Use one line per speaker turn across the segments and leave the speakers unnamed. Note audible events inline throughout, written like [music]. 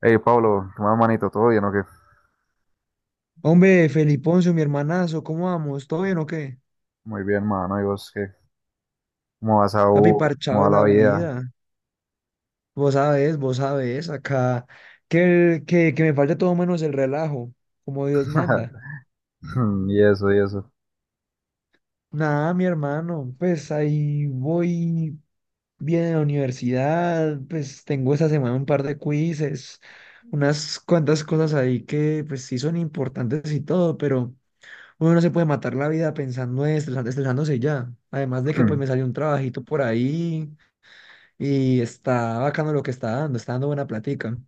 Hey Pablo, ¿qué más, manito? ¿Todo bien o qué?
Hombre, Feliponcio, mi hermanazo, ¿cómo vamos? ¿Todo bien o qué?
Muy bien, mano. ¿Y vos qué? ¿Cómo vas a
Papi,
U?
parchado
¿Cómo
de
va la
la
vida?
vida. Vos sabés, acá que me falta todo menos el relajo, como Dios manda.
[laughs] Y eso, y eso.
Nada, mi hermano, pues ahí voy bien a la universidad, pues tengo esta semana un par de quizzes, unas cuantas cosas ahí que pues sí son importantes y todo, pero uno no se puede matar la vida pensando en estresándose ya. Además de que pues me
[clears throat]
salió
[laughs]
un trabajito por ahí. Y está bacano lo que está dando buena platica.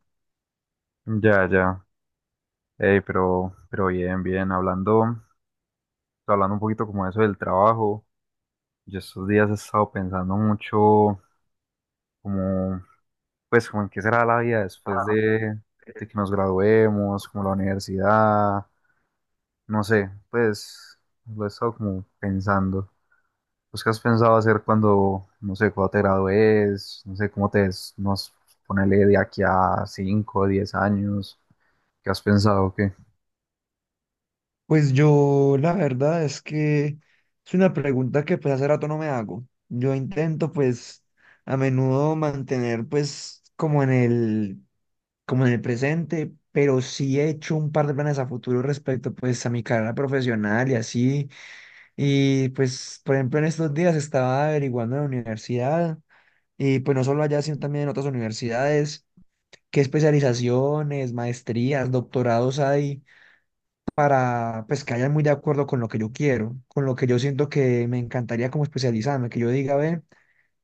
Ya, ya. Hey, pero bien, bien. Hablando, hablando un poquito como eso del trabajo. Yo estos días he estado pensando mucho como, pues, como en qué será la vida después de que nos graduemos, como la universidad, no sé, pues, lo he estado como pensando. Pues, ¿qué has pensado hacer cuando, no sé, cuando te gradúes? No sé, ¿cómo te ves? Nos ponele de aquí a 5 o 10 años. ¿Qué has pensado? ¿O qué?
Pues yo, la verdad es que es una pregunta que pues hace rato no me hago. Yo intento pues a menudo mantener pues como en el presente, pero sí he hecho un par de planes a futuro respecto pues a mi carrera profesional y así. Y pues por ejemplo en estos días estaba averiguando en la universidad y pues no solo allá sino también en otras universidades. Qué especializaciones, maestrías, doctorados hay para pues que vayan muy de acuerdo con lo que yo quiero, con lo que yo siento que me encantaría como especializarme, que yo diga, ve,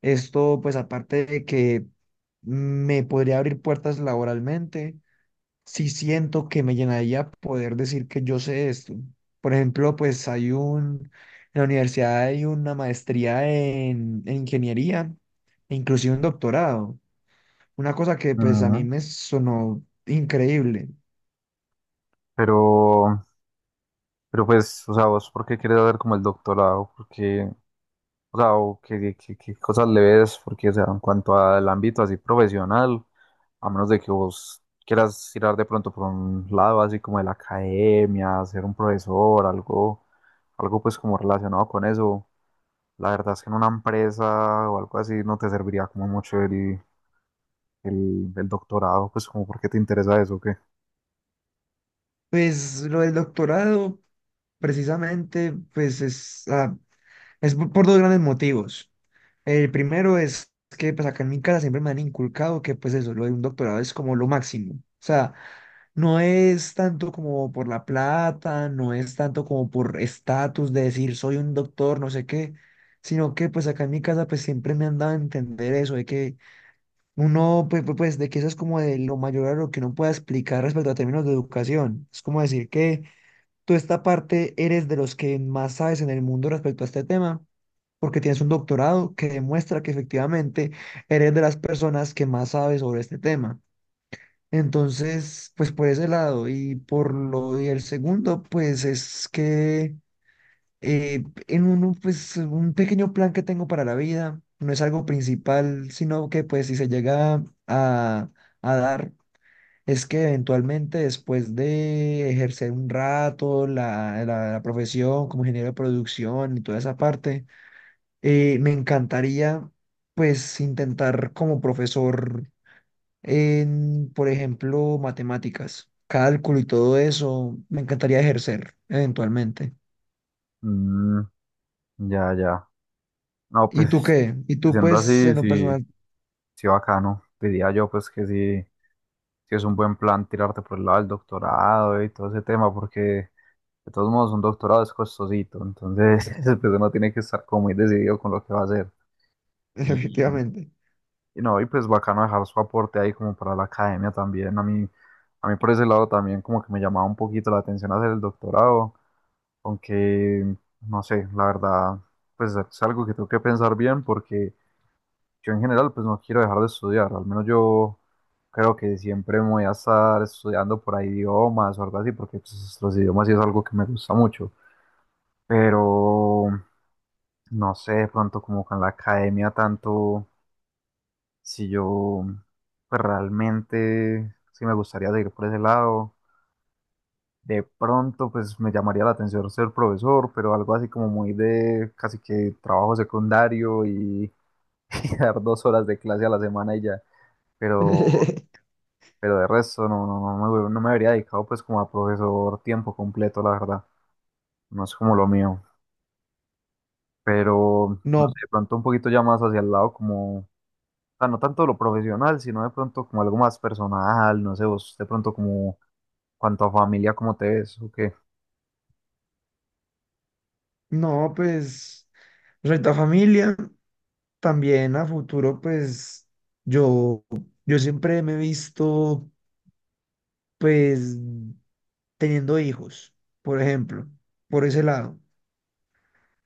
esto pues aparte de que me podría abrir puertas laboralmente, sí siento que me llenaría poder decir que yo sé esto. Por ejemplo, pues hay un, en la universidad hay una maestría en ingeniería, e inclusive un doctorado. Una cosa que pues a mí
Ujú.
me sonó increíble.
Pero, pero pues, o sea, ¿vos por qué quieres hacer como el doctorado? Porque, o sea, ¿o qué, qué cosas le ves? Porque, o sea, en cuanto al ámbito así profesional, a menos de que vos quieras tirar de pronto por un lado así como de la academia, ser un profesor, algo pues como relacionado con eso. La verdad es que en una empresa o algo así no te serviría como mucho el doctorado, pues como porque te interesa eso, que
Pues lo del doctorado, precisamente, pues es, es por dos grandes motivos. El primero es que pues acá en mi casa siempre me han inculcado que pues eso, lo de un doctorado es como lo máximo. O sea, no es tanto como por la plata, no es tanto como por estatus de decir soy un doctor, no sé qué, sino que pues acá en mi casa pues siempre me han dado a entender eso de que uno, pues, de que eso es como de lo mayor a lo que uno pueda explicar respecto a términos de educación. Es como decir que tú esta parte eres de los que más sabes en el mundo respecto a este tema, porque tienes un doctorado que demuestra que efectivamente eres de las personas que más sabes sobre este tema. Entonces, pues por ese lado. Y por lo, y el segundo, pues es que en un pues, un pequeño plan que tengo para la vida, no es algo principal, sino que, pues, si se llega a dar, es que eventualmente después de ejercer un rato la profesión como ingeniero de producción y toda esa parte, me encantaría, pues, intentar como profesor en, por ejemplo, matemáticas, cálculo y todo eso, me encantaría ejercer eventualmente.
ya, ya. No,
¿Y tú
pues
qué? ¿Y tú
siendo
pues
así,
en lo
sí,
personal?
sí bacano. Diría yo pues que sí, sí es un buen plan tirarte por el lado del doctorado y todo ese tema, porque de todos modos un doctorado es costosito, entonces [laughs] pues uno tiene que estar como muy decidido con lo que va a hacer.
Efectivamente.
Y no, y pues bacano dejar su aporte ahí como para la academia también. A mí por ese lado también como que me llamaba un poquito la atención hacer el doctorado, aunque no sé, la verdad, pues es algo que tengo que pensar bien porque yo en general pues no quiero dejar de estudiar, al menos yo creo que siempre me voy a estar estudiando por ahí idiomas o algo así, porque pues, los idiomas sí es algo que me gusta mucho, pero no sé, de pronto como con la academia tanto. Si yo pues, realmente, sí me gustaría seguir por ese lado. De pronto, pues me llamaría la atención ser profesor, pero algo así como muy de casi que trabajo secundario y [laughs] dar 2 horas de clase a la semana y ya. Pero,
[laughs]
pero de resto, no, no me habría dedicado pues como a profesor tiempo completo, la verdad. No es como lo mío. Pero, no sé,
No,
de pronto un poquito ya más hacia el lado como, o sea, no tanto lo profesional, sino de pronto como algo más personal, no sé, vos de pronto como cuanto a familia, ¿cómo te ves? ¿O qué?
no, pues, Reta Familia, también a futuro, pues, yo, yo siempre me he visto, pues, teniendo hijos, por ejemplo, por ese lado.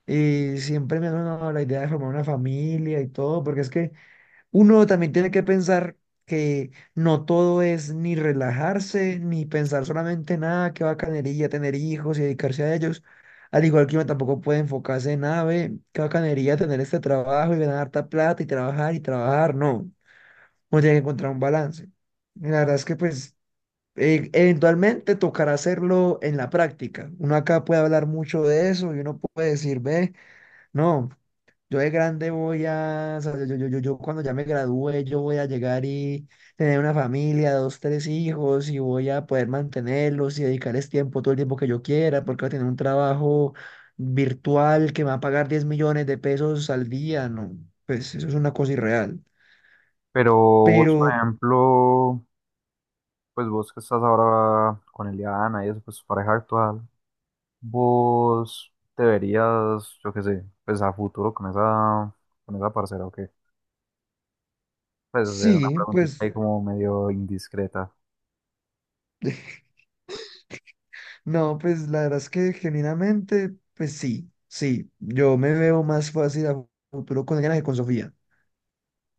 Y siempre me ha sonado la idea de formar una familia y todo, porque es que uno también tiene que pensar que no todo es ni relajarse, ni pensar solamente nada, qué bacanería tener hijos y dedicarse a ellos. Al igual que uno tampoco puede enfocarse en nada, ve, qué bacanería tener este trabajo y ganar harta plata y trabajar y trabajar. No, uno tiene que encontrar un balance. La verdad es que pues eventualmente tocará hacerlo en la práctica. Uno acá puede hablar mucho de eso y uno puede decir, ve, no. Yo de grande voy a, o sea, yo cuando ya me gradúe, yo voy a llegar y tener una familia, 2, 3 hijos, y voy a poder mantenerlos y dedicarles tiempo, todo el tiempo que yo quiera, porque voy a tener un trabajo virtual que me va a pagar 10 millones de pesos al día, no, pues eso es una cosa irreal.
Pero vos, por
Pero
ejemplo, pues vos que estás ahora con Eliana y eso, pues tu pareja actual, vos te verías, yo qué sé, pues a futuro con esa parcera, ¿o qué? Pues es una
sí,
preguntita
pues,
ahí como medio indiscreta,
[laughs] no, pues la verdad es que genuinamente, pues sí, sí, yo me veo más fácil a futuro con ella que con Sofía,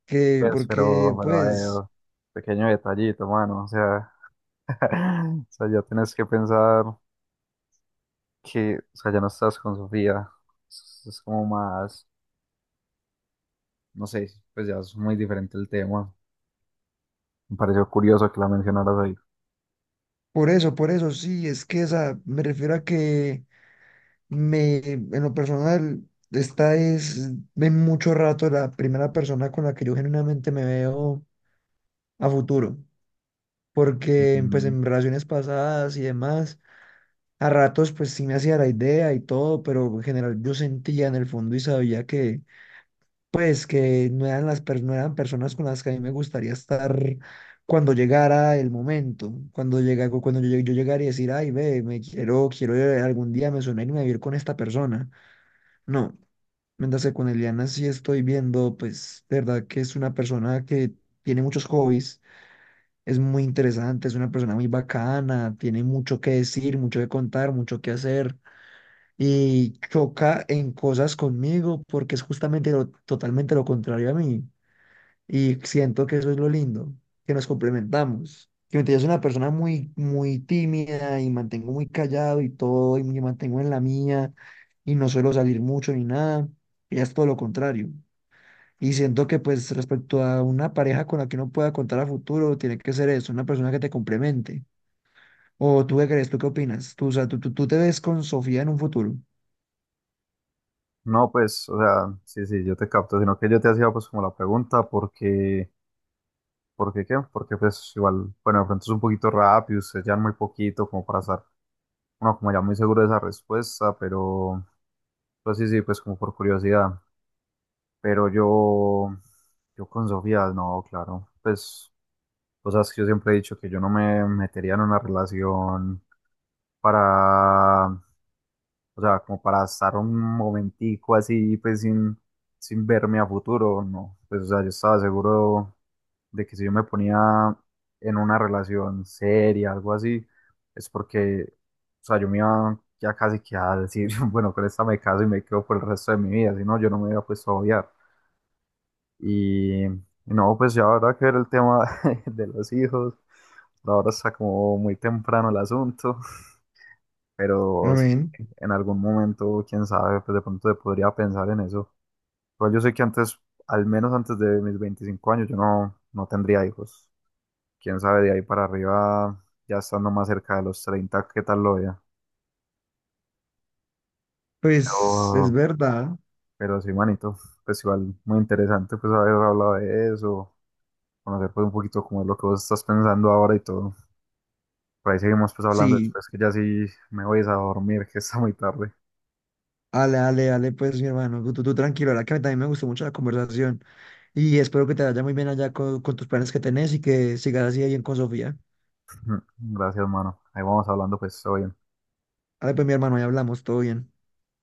que
pues,
porque
pero a
pues...
ver, pequeño detallito, mano, o sea, [laughs] o sea, ya tienes que pensar que, o sea, ya no estás con Sofía, es como más, no sé, pues ya es muy diferente el tema. Me pareció curioso que la mencionaras ahí.
Por eso, sí, es que esa, me refiero a que me, en lo personal, esta es de mucho rato la primera persona con la que yo genuinamente me veo a futuro, porque pues
Mm,
en relaciones pasadas y demás, a ratos pues sí me hacía la idea y todo, pero en general yo sentía en el fondo y sabía que pues que no eran no eran personas con las que a mí me gustaría estar cuando llegara el momento, cuando llega, cuando yo llegara y decir, ay, ve, quiero algún día me suena irme a vivir con esta persona. No, mientras que con Eliana sí estoy viendo, pues, de verdad que es una persona que tiene muchos hobbies, es muy interesante, es una persona muy bacana, tiene mucho que decir, mucho que contar, mucho que hacer. Y choca en cosas conmigo porque es justamente lo, totalmente lo contrario a mí. Y siento que eso es lo lindo, que nos complementamos. Que mientras yo soy una persona muy tímida y mantengo muy callado y todo, y me mantengo en la mía, y no suelo salir mucho ni nada, ella es todo lo contrario. Y siento que pues respecto a una pareja con la que uno pueda contar a futuro, tiene que ser eso, una persona que te complemente. ¿O tú qué crees? ¿Tú qué opinas? Tú, o sea, tú te ves con Sofía en un futuro.
no, pues, o sea, sí, sí, yo te capto, sino que yo te hacía pues como la pregunta, porque, ¿por qué qué? Porque pues igual, bueno, de pronto es un poquito rápido, ustedes ya muy poquito como para estar, bueno, como ya muy seguro de esa respuesta, pero, pues sí, sí, pues como por curiosidad. Pero yo con Sofía, no, claro, pues, o sea, es que yo siempre he dicho que yo no me metería en una relación para, o sea, como para estar un momentico así, pues sin verme a futuro, no. Pues, o sea, yo estaba seguro de que si yo me ponía en una relación seria, algo así, es porque, o sea, yo me iba ya casi que a decir, [laughs] bueno, con esta me caso y me quedo por el resto de mi vida, si no, yo no me hubiera puesto a obviar. Y no, pues ya ahora que ver el tema [laughs] de los hijos, ahora está como muy temprano el asunto. Pero sí,
Amén.
en algún momento, quién sabe, pues de pronto se podría pensar en eso. Pero yo sé que antes, al menos antes de mis 25 años, yo no tendría hijos. Quién sabe, de ahí para arriba, ya estando más cerca de los 30 qué tal lo vea.
Pues es
Pero,
verdad,
pero sí, manito, pues igual muy interesante pues haber hablado de eso, conocer pues un poquito cómo es lo que vos estás pensando ahora y todo. Por ahí seguimos pues hablando
sí.
después, que ya sí me voy a dormir, [laughs] que está muy tarde.
Ale, ale, ale, pues mi hermano, tú tranquilo, la verdad que a mí también me gustó mucho la conversación y espero que te vaya muy bien allá con tus planes que tenés y que sigas así de bien con Sofía.
[laughs] Gracias, mano. Ahí vamos hablando pues, todo bien.
Ale, pues mi hermano, ya hablamos, todo bien.